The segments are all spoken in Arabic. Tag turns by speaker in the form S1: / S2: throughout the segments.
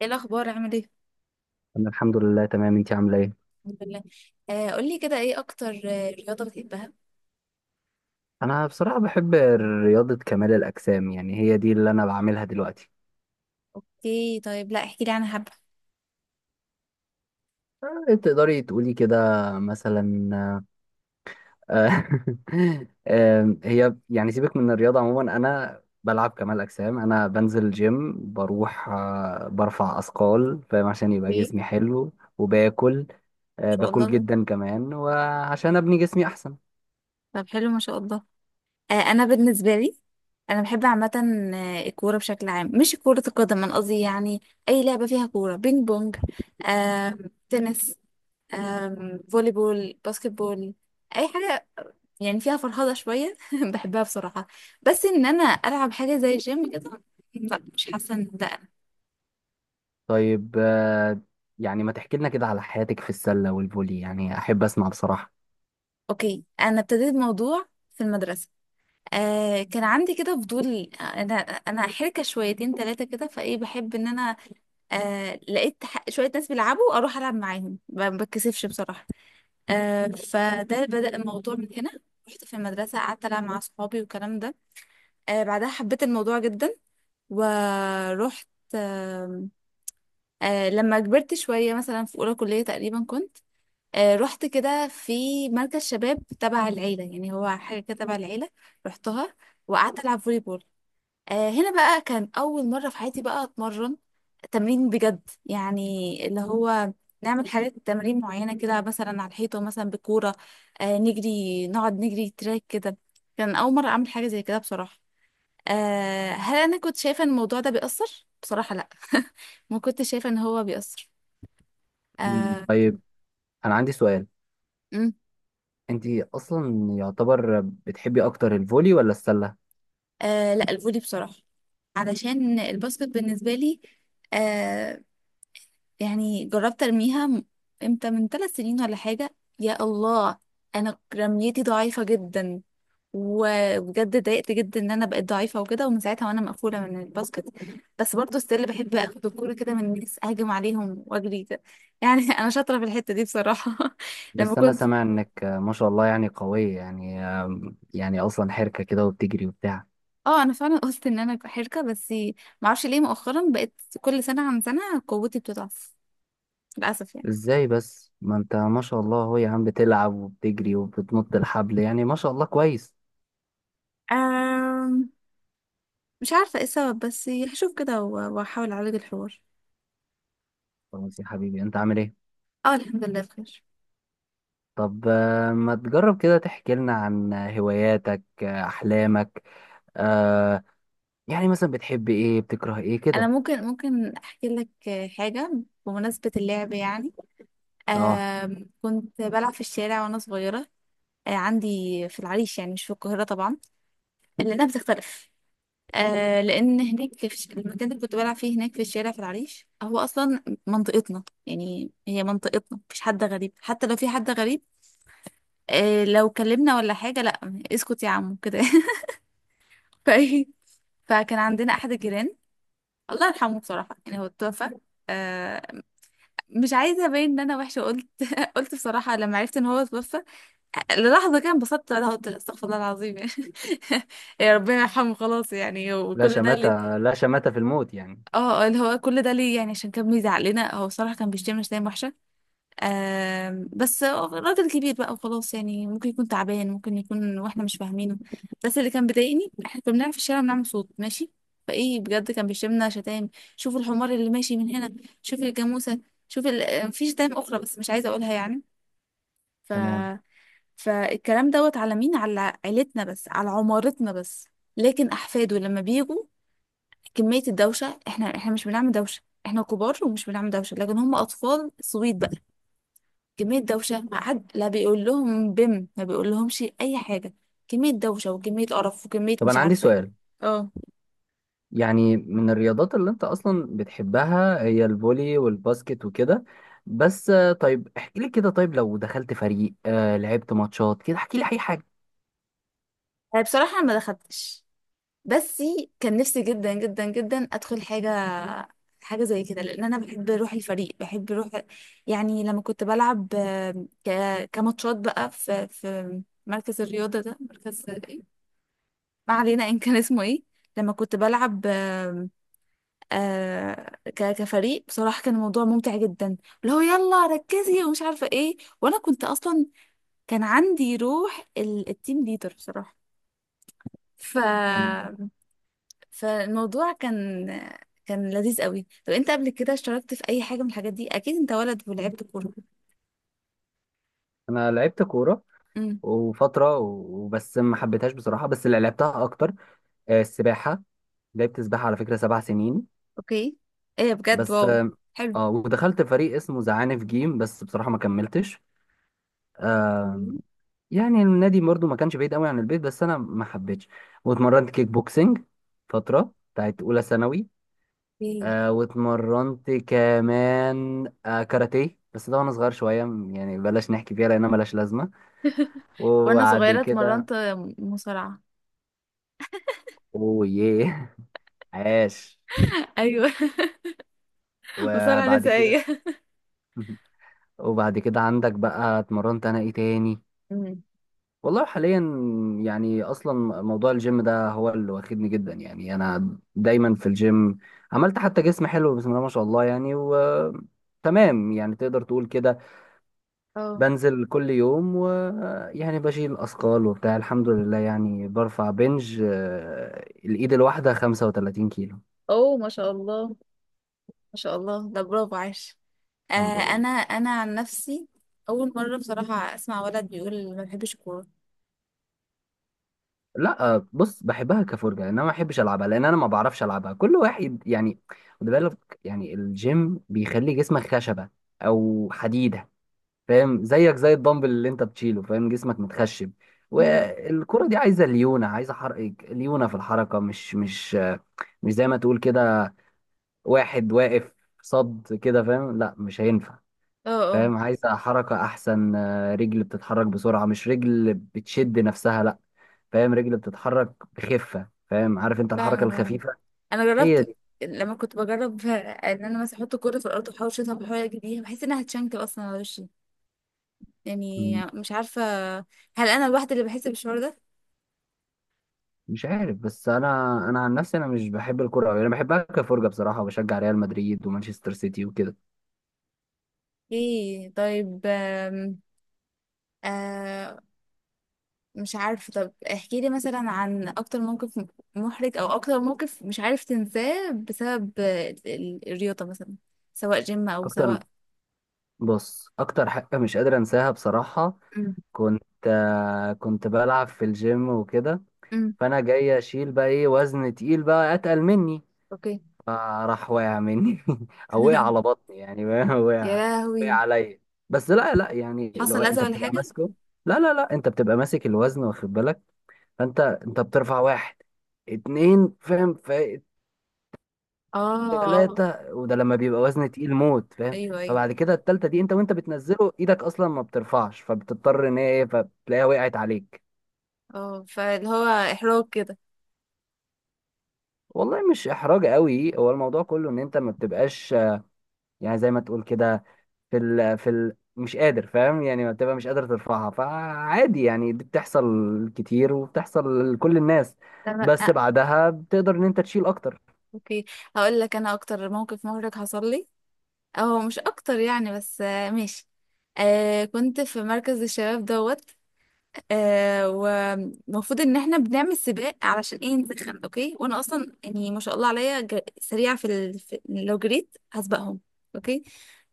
S1: ايه الاخبار؟ عامل ايه؟
S2: انا الحمد لله تمام. انتي عامله ايه؟
S1: الحمد لله. قولي كده، ايه اكتر رياضه بتحبها؟
S2: انا بصراحه بحب رياضه كمال الاجسام، يعني هي دي اللي انا بعملها دلوقتي.
S1: اوكي طيب، لا احكي لي عنها حبه.
S2: تقدري تقولي كده مثلا. آه، هي يعني سيبك من الرياضه عموما، انا بلعب كمال اجسام، انا بنزل جيم، بروح برفع اثقال، فاهم، عشان يبقى
S1: ايه ان
S2: جسمي حلو. وباكل.
S1: شاء
S2: باكل
S1: الله.
S2: جدا كمان، وعشان ابني جسمي احسن.
S1: طب حلو ما شاء الله. انا بالنسبه لي، انا بحب عامه الكوره بشكل عام، مش كره القدم انا قصدي، يعني اي لعبه فيها كوره، بينج بونج، آه تنس، فولي بول، باسكت بول، اي حاجه يعني فيها فرهضه شويه بحبها بصراحه. بس ان انا العب حاجه زي الجيم كده، لا مش حاسه ان ده.
S2: طيب، يعني ما تحكي لنا كده على حياتك في السله والفولي، يعني احب اسمع بصراحه.
S1: اوكي، انا ابتديت موضوع في المدرسه. كان عندي كده فضول. انا حركه شويتين ثلاثه كده، فايه بحب ان انا لقيت شويه ناس بيلعبوا، اروح العب معاهم، ما بتكسفش بصراحه. فده بدأ الموضوع من هنا. رحت في المدرسه، قعدت العب مع اصحابي والكلام ده. بعدها حبيت الموضوع جدا، ورحت. آه لما كبرت شويه، مثلا في اولى كليه تقريبا كنت رحت كده في مركز شباب تبع العيلة، يعني هو حاجة كده تبع العيلة. رحتها وقعدت ألعب فولي بول. هنا بقى كان أول مرة في حياتي بقى أتمرن تمرين بجد، يعني اللي هو نعمل حاجات تمارين معينة كده، مثلا على الحيطة مثلا بكورة. نجري، نقعد نجري تراك كده. كان أول مرة أعمل حاجة زي كده بصراحة. هل أنا كنت شايفة إن الموضوع ده بيأثر؟ بصراحة لأ ما كنتش شايفة إن هو بيأثر.
S2: مم.
S1: آه،
S2: طيب، انا عندي سؤال. انت اصلا يعتبر بتحبي اكتر الفولي ولا السله؟
S1: لا الفولي بصراحة، علشان الباسكت بالنسبة لي آه يعني جربت ارميها امتى؟ من 3 سنين ولا حاجة، يا الله. انا رميتي ضعيفة جدا، وبجد اتضايقت جدا ان انا بقيت ضعيفة وكده، ومن ساعتها وانا مقفولة من الباسكت. بس برضه ستيل بحب اخد الكورة كده من الناس، اهاجم عليهم واجري كده يعني انا شاطرة في الحتة دي بصراحة. لما
S2: بس انا
S1: كنت
S2: سامع انك ما شاء الله، يعني قويه، يعني يعني اصلا حركه كده وبتجري وبتاع.
S1: اه، انا فعلا قلت ان انا حركة، بس معرفش ليه مؤخرا بقيت كل سنة عن سنة قوتي بتضعف، للأسف يعني.
S2: ازاي بس؟ ما انت ما شاء الله، هو يا عم بتلعب وبتجري وبتنط الحبل، يعني ما شاء الله كويس.
S1: أم... مش عارفة ايه السبب، بس هشوف كده وأحاول أعالج الحوار.
S2: خلاص يا حبيبي، انت عامل ايه؟
S1: اه الحمد لله بخير.
S2: طب، ما تجرب كده تحكي لنا عن هواياتك، احلامك، آه، يعني مثلا بتحب ايه، بتكره ايه
S1: أنا
S2: كده.
S1: ممكن أحكي لك حاجة، بمناسبة اللعب يعني.
S2: اه،
S1: كنت بلعب في الشارع وأنا صغيرة. أه، عندي في العريش، يعني مش في القاهرة طبعا، لأنها بتختلف. أه، لأن هناك في المكان اللي كنت بلعب فيه هناك في الشارع في العريش، هو أصلا منطقتنا، يعني هي منطقتنا، مفيش حد غريب، حتى لو في حد غريب إيه، لو كلمنا ولا حاجة، لا. اسكت يا عم كده ف... فكان عندنا احد الجيران، الله يرحمه بصراحه، يعني هو اتوفى. آه مش عايزه ابين ان انا وحشه، قلت قلت بصراحه لما عرفت ان هو اتوفى للحظه كان انبسطت. انا قلت استغفر الله العظيم يعني يا ربنا يرحمه خلاص يعني،
S2: لا
S1: وكل ده ليه؟
S2: شماتة لا شماتة في الموت يعني.
S1: اه، اللي هو كل ده ليه يعني عشان كان بيزعق لنا. هو بصراحه كان بيشتمنا شتايم وحشه. بس راجل كبير بقى وخلاص يعني، ممكن يكون تعبان، ممكن يكون واحنا مش فاهمينه. بس اللي كان بيضايقني، احنا كنا بنلعب في الشارع، بنعمل صوت ماشي، فايه بجد كان بيشتمنا شتايم. شوفوا الحمار اللي ماشي من هنا، شوف الجاموسه، شوف في شتايم اخرى بس مش عايزه اقولها يعني. ف
S2: تمام.
S1: فالكلام دوت على مين؟ على عيلتنا بس، على عمارتنا بس. لكن احفاده لما بيجوا، كميه الدوشه، احنا مش بنعمل دوشه، احنا كبار ومش بنعمل دوشه، لكن هم اطفال صويت بقى. كمية دوشة، ما حد لا بيقول لهم بم، ما بيقول لهمش أي حاجة. كمية دوشة وكمية قرف وكمية
S2: طب
S1: مش
S2: انا عندي
S1: عارفة ايه.
S2: سؤال،
S1: اه
S2: يعني من الرياضات اللي انت اصلا بتحبها هي الفولي والباسكت وكده، بس طيب احكي لي كده، طيب لو دخلت فريق، لعبت ماتشات كده، احكي لي اي حاجه.
S1: أنا بصراحة ما دخلتش، بس كان نفسي جدا جدا جدا أدخل حاجة، حاجة زي كده، لأن أنا بحب روح الفريق، بحب روح يعني. لما كنت بلعب كماتشات بقى في مركز الرياضة ده، مركز إيه؟ ما علينا إن كان اسمه إيه. لما كنت بلعب كفريق، بصراحة كان الموضوع ممتع جدا، اللي هو يلا ركزي ومش عارفة ايه. وانا كنت اصلا كان عندي روح التيم ليدر بصراحة. ف
S2: مم.
S1: فالموضوع كان لذيذ قوي. طب انت قبل كده اشتركت في اي حاجة من الحاجات دي؟ اكيد انت ولد ولعبت كورة.
S2: انا لعبت كوره
S1: امم،
S2: وبس، ما حبيتهاش بصراحه. بس اللي لعبتها اكتر السباحه. لعبت سباحه على فكره 7 سنين.
S1: اوكي، ايه بجد،
S2: بس
S1: واو
S2: اه،
S1: حلو.
S2: ودخلت فريق اسمه زعانف جيم، بس بصراحه ما كملتش. آه، يعني النادي برضو ما كانش بعيد قوي عن البيت، بس انا ما حبيتش. واتمرنت كيك بوكسنج فتره بتاعت اولى ثانوي.
S1: إيه.
S2: واتمرنت كمان كاراتيه، بس ده وانا صغير شويه، يعني بلاش نحكي فيها لانها ملهاش لازمه.
S1: وانا
S2: وبعد
S1: صغيرة
S2: كده،
S1: اتمرنت مصارعة
S2: اوه، عاش.
S1: ايوه مصارعة
S2: وبعد كده
S1: نسائية.
S2: وبعد كده عندك بقى، اتمرنت انا ايه تاني؟
S1: امم،
S2: والله حاليا، يعني اصلا موضوع الجيم ده هو اللي واخدني جدا، يعني انا دايما في الجيم. عملت حتى جسم حلو، بسم الله ما شاء الله، يعني و تمام، يعني تقدر تقول كده.
S1: اه.
S2: بنزل كل يوم، و يعني بشيل اثقال وبتاع، الحمد لله، يعني برفع بنج، الايد الواحده 35 كيلو.
S1: اوه ما شاء الله، ما شاء الله ده برافو عاش.
S2: الحمد لله.
S1: انا عن نفسي، اول مره بصراحه اسمع ولد بيقول ما بحبش الكوره.
S2: لا، بص، بحبها كفرجه، انما ما بحبش العبها لان انا ما بعرفش العبها، كل واحد يعني. خد بالك، يعني الجيم بيخلي جسمك خشبه او حديده. فاهم؟ زيك زي الدمبل اللي انت بتشيله، فاهم؟ جسمك متخشب.
S1: مم.
S2: والكرة دي عايزة ليونة، عايزة حرق، ليونة في الحركة، مش زي ما تقول كده واحد واقف صد كده، فاهم؟ لا، مش هينفع.
S1: اه، اه.
S2: فاهم؟ عايزة حركة أحسن، رجل بتتحرك بسرعة، مش رجل بتشد نفسها، لا. فاهم؟ رجل بتتحرك بخفة، فاهم؟ عارف انت الحركة
S1: فاهمه فاهمه،
S2: الخفيفة،
S1: انا
S2: هي
S1: جربت
S2: دي.
S1: لما كنت بجرب ان انا مثلا احط الكوره في الارض واحاول اشوطها، بحاول اجي بيها بحس انها هتشنكل اصلا على وشي. يعني
S2: مم.
S1: مش عارفه، هل انا الواحده اللي بحس بالشعور ده؟
S2: مش عارف، بس انا عن نفسي انا مش بحب الكرة أوي، انا بحبها كفرجة بصراحة، وبشجع ريال مدريد ومانشستر سيتي وكده.
S1: ايه طيب آه مش عارفة. طب احكي لي مثلا عن أكتر موقف محرج أو أكتر موقف مش عارف تنساه بسبب الرياضة مثلا، سواء جيم أو سواء.
S2: اكتر؟ بص، اكتر حاجه مش قادر انساها بصراحه،
S1: أم،
S2: كنت بلعب في الجيم وكده،
S1: أم،
S2: فانا جاي اشيل بقى، ايه، وزن تقيل بقى اتقل مني،
S1: أوكي
S2: فراح واقع مني او وقع على بطني يعني.
S1: يا
S2: وقع
S1: لهوي،
S2: عليا. بس لا لا، يعني لو
S1: حصل أذى
S2: انت
S1: ولا
S2: بتبقى
S1: حاجة؟
S2: ماسكه، لا لا لا، انت بتبقى ماسك الوزن واخد بالك. فانت بترفع واحد، اتنين، فاهم،
S1: آه
S2: ثلاثة، وده لما بيبقى وزن تقيل موت، فاهم؟
S1: أيوه أيوه
S2: فبعد
S1: أيوة.
S2: كده التالتة دي، انت وانت بتنزله، ايدك اصلا ما بترفعش، فبتضطر ان هي ايه، فبتلاقيها وقعت عليك.
S1: اه فاللي هو إحراج كده،
S2: والله مش احراج قوي، هو الموضوع كله ان انت ما بتبقاش يعني زي ما تقول كده في ال مش قادر، فاهم؟ يعني ما بتبقى مش قادر ترفعها، فعادي يعني، دي بتحصل كتير وبتحصل لكل الناس،
S1: تمام.
S2: بس بعدها بتقدر ان انت تشيل اكتر.
S1: أوكي، هقول لك أنا أكتر موقف محرج حصل لي، أو مش أكتر يعني بس ماشي. كنت في مركز الشباب دوت. ومفروض ان احنا بنعمل سباق، علشان ايه؟ نسخن. اوكي، وانا اصلا يعني ما شاء الله عليا، سريعه في, في لو جريت هسبقهم، اوكي.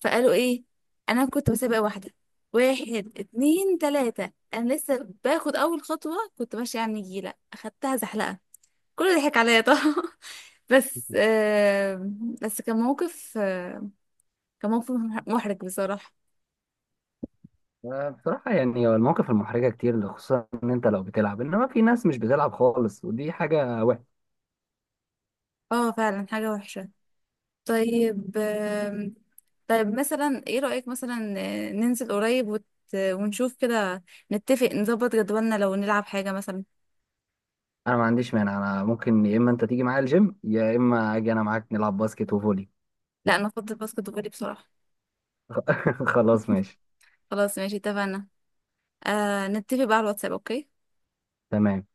S1: فقالوا ايه؟ انا كنت بسابق واحده. واحد اتنين تلاته، انا لسه باخد اول خطوه، كنت ماشيه على النجيله، اخدتها زحلقه، كله ضحك عليا طبعا بس بس كان موقف كان موقف محرج بصراحه.
S2: بصراحة يعني هو المواقف المحرجة كتير، خصوصا ان انت لو بتلعب انما في ناس مش بتلعب خالص، ودي حاجة وحشة.
S1: اه فعلا حاجه وحشه. طيب طيب مثلا ايه رأيك؟ مثلا ننزل قريب ونشوف كده، نتفق نظبط جدولنا لو نلعب حاجة مثلا.
S2: انا ما عنديش مانع، انا ممكن يا اما انت تيجي معايا الجيم، يا اما اجي انا معاك نلعب باسكت وفولي.
S1: لا انا افضل باسكت فولي بصراحة.
S2: خلاص ماشي.
S1: خلاص ماشي، اتفقنا. نتفق بقى على الواتساب، اوكي.
S2: تمام.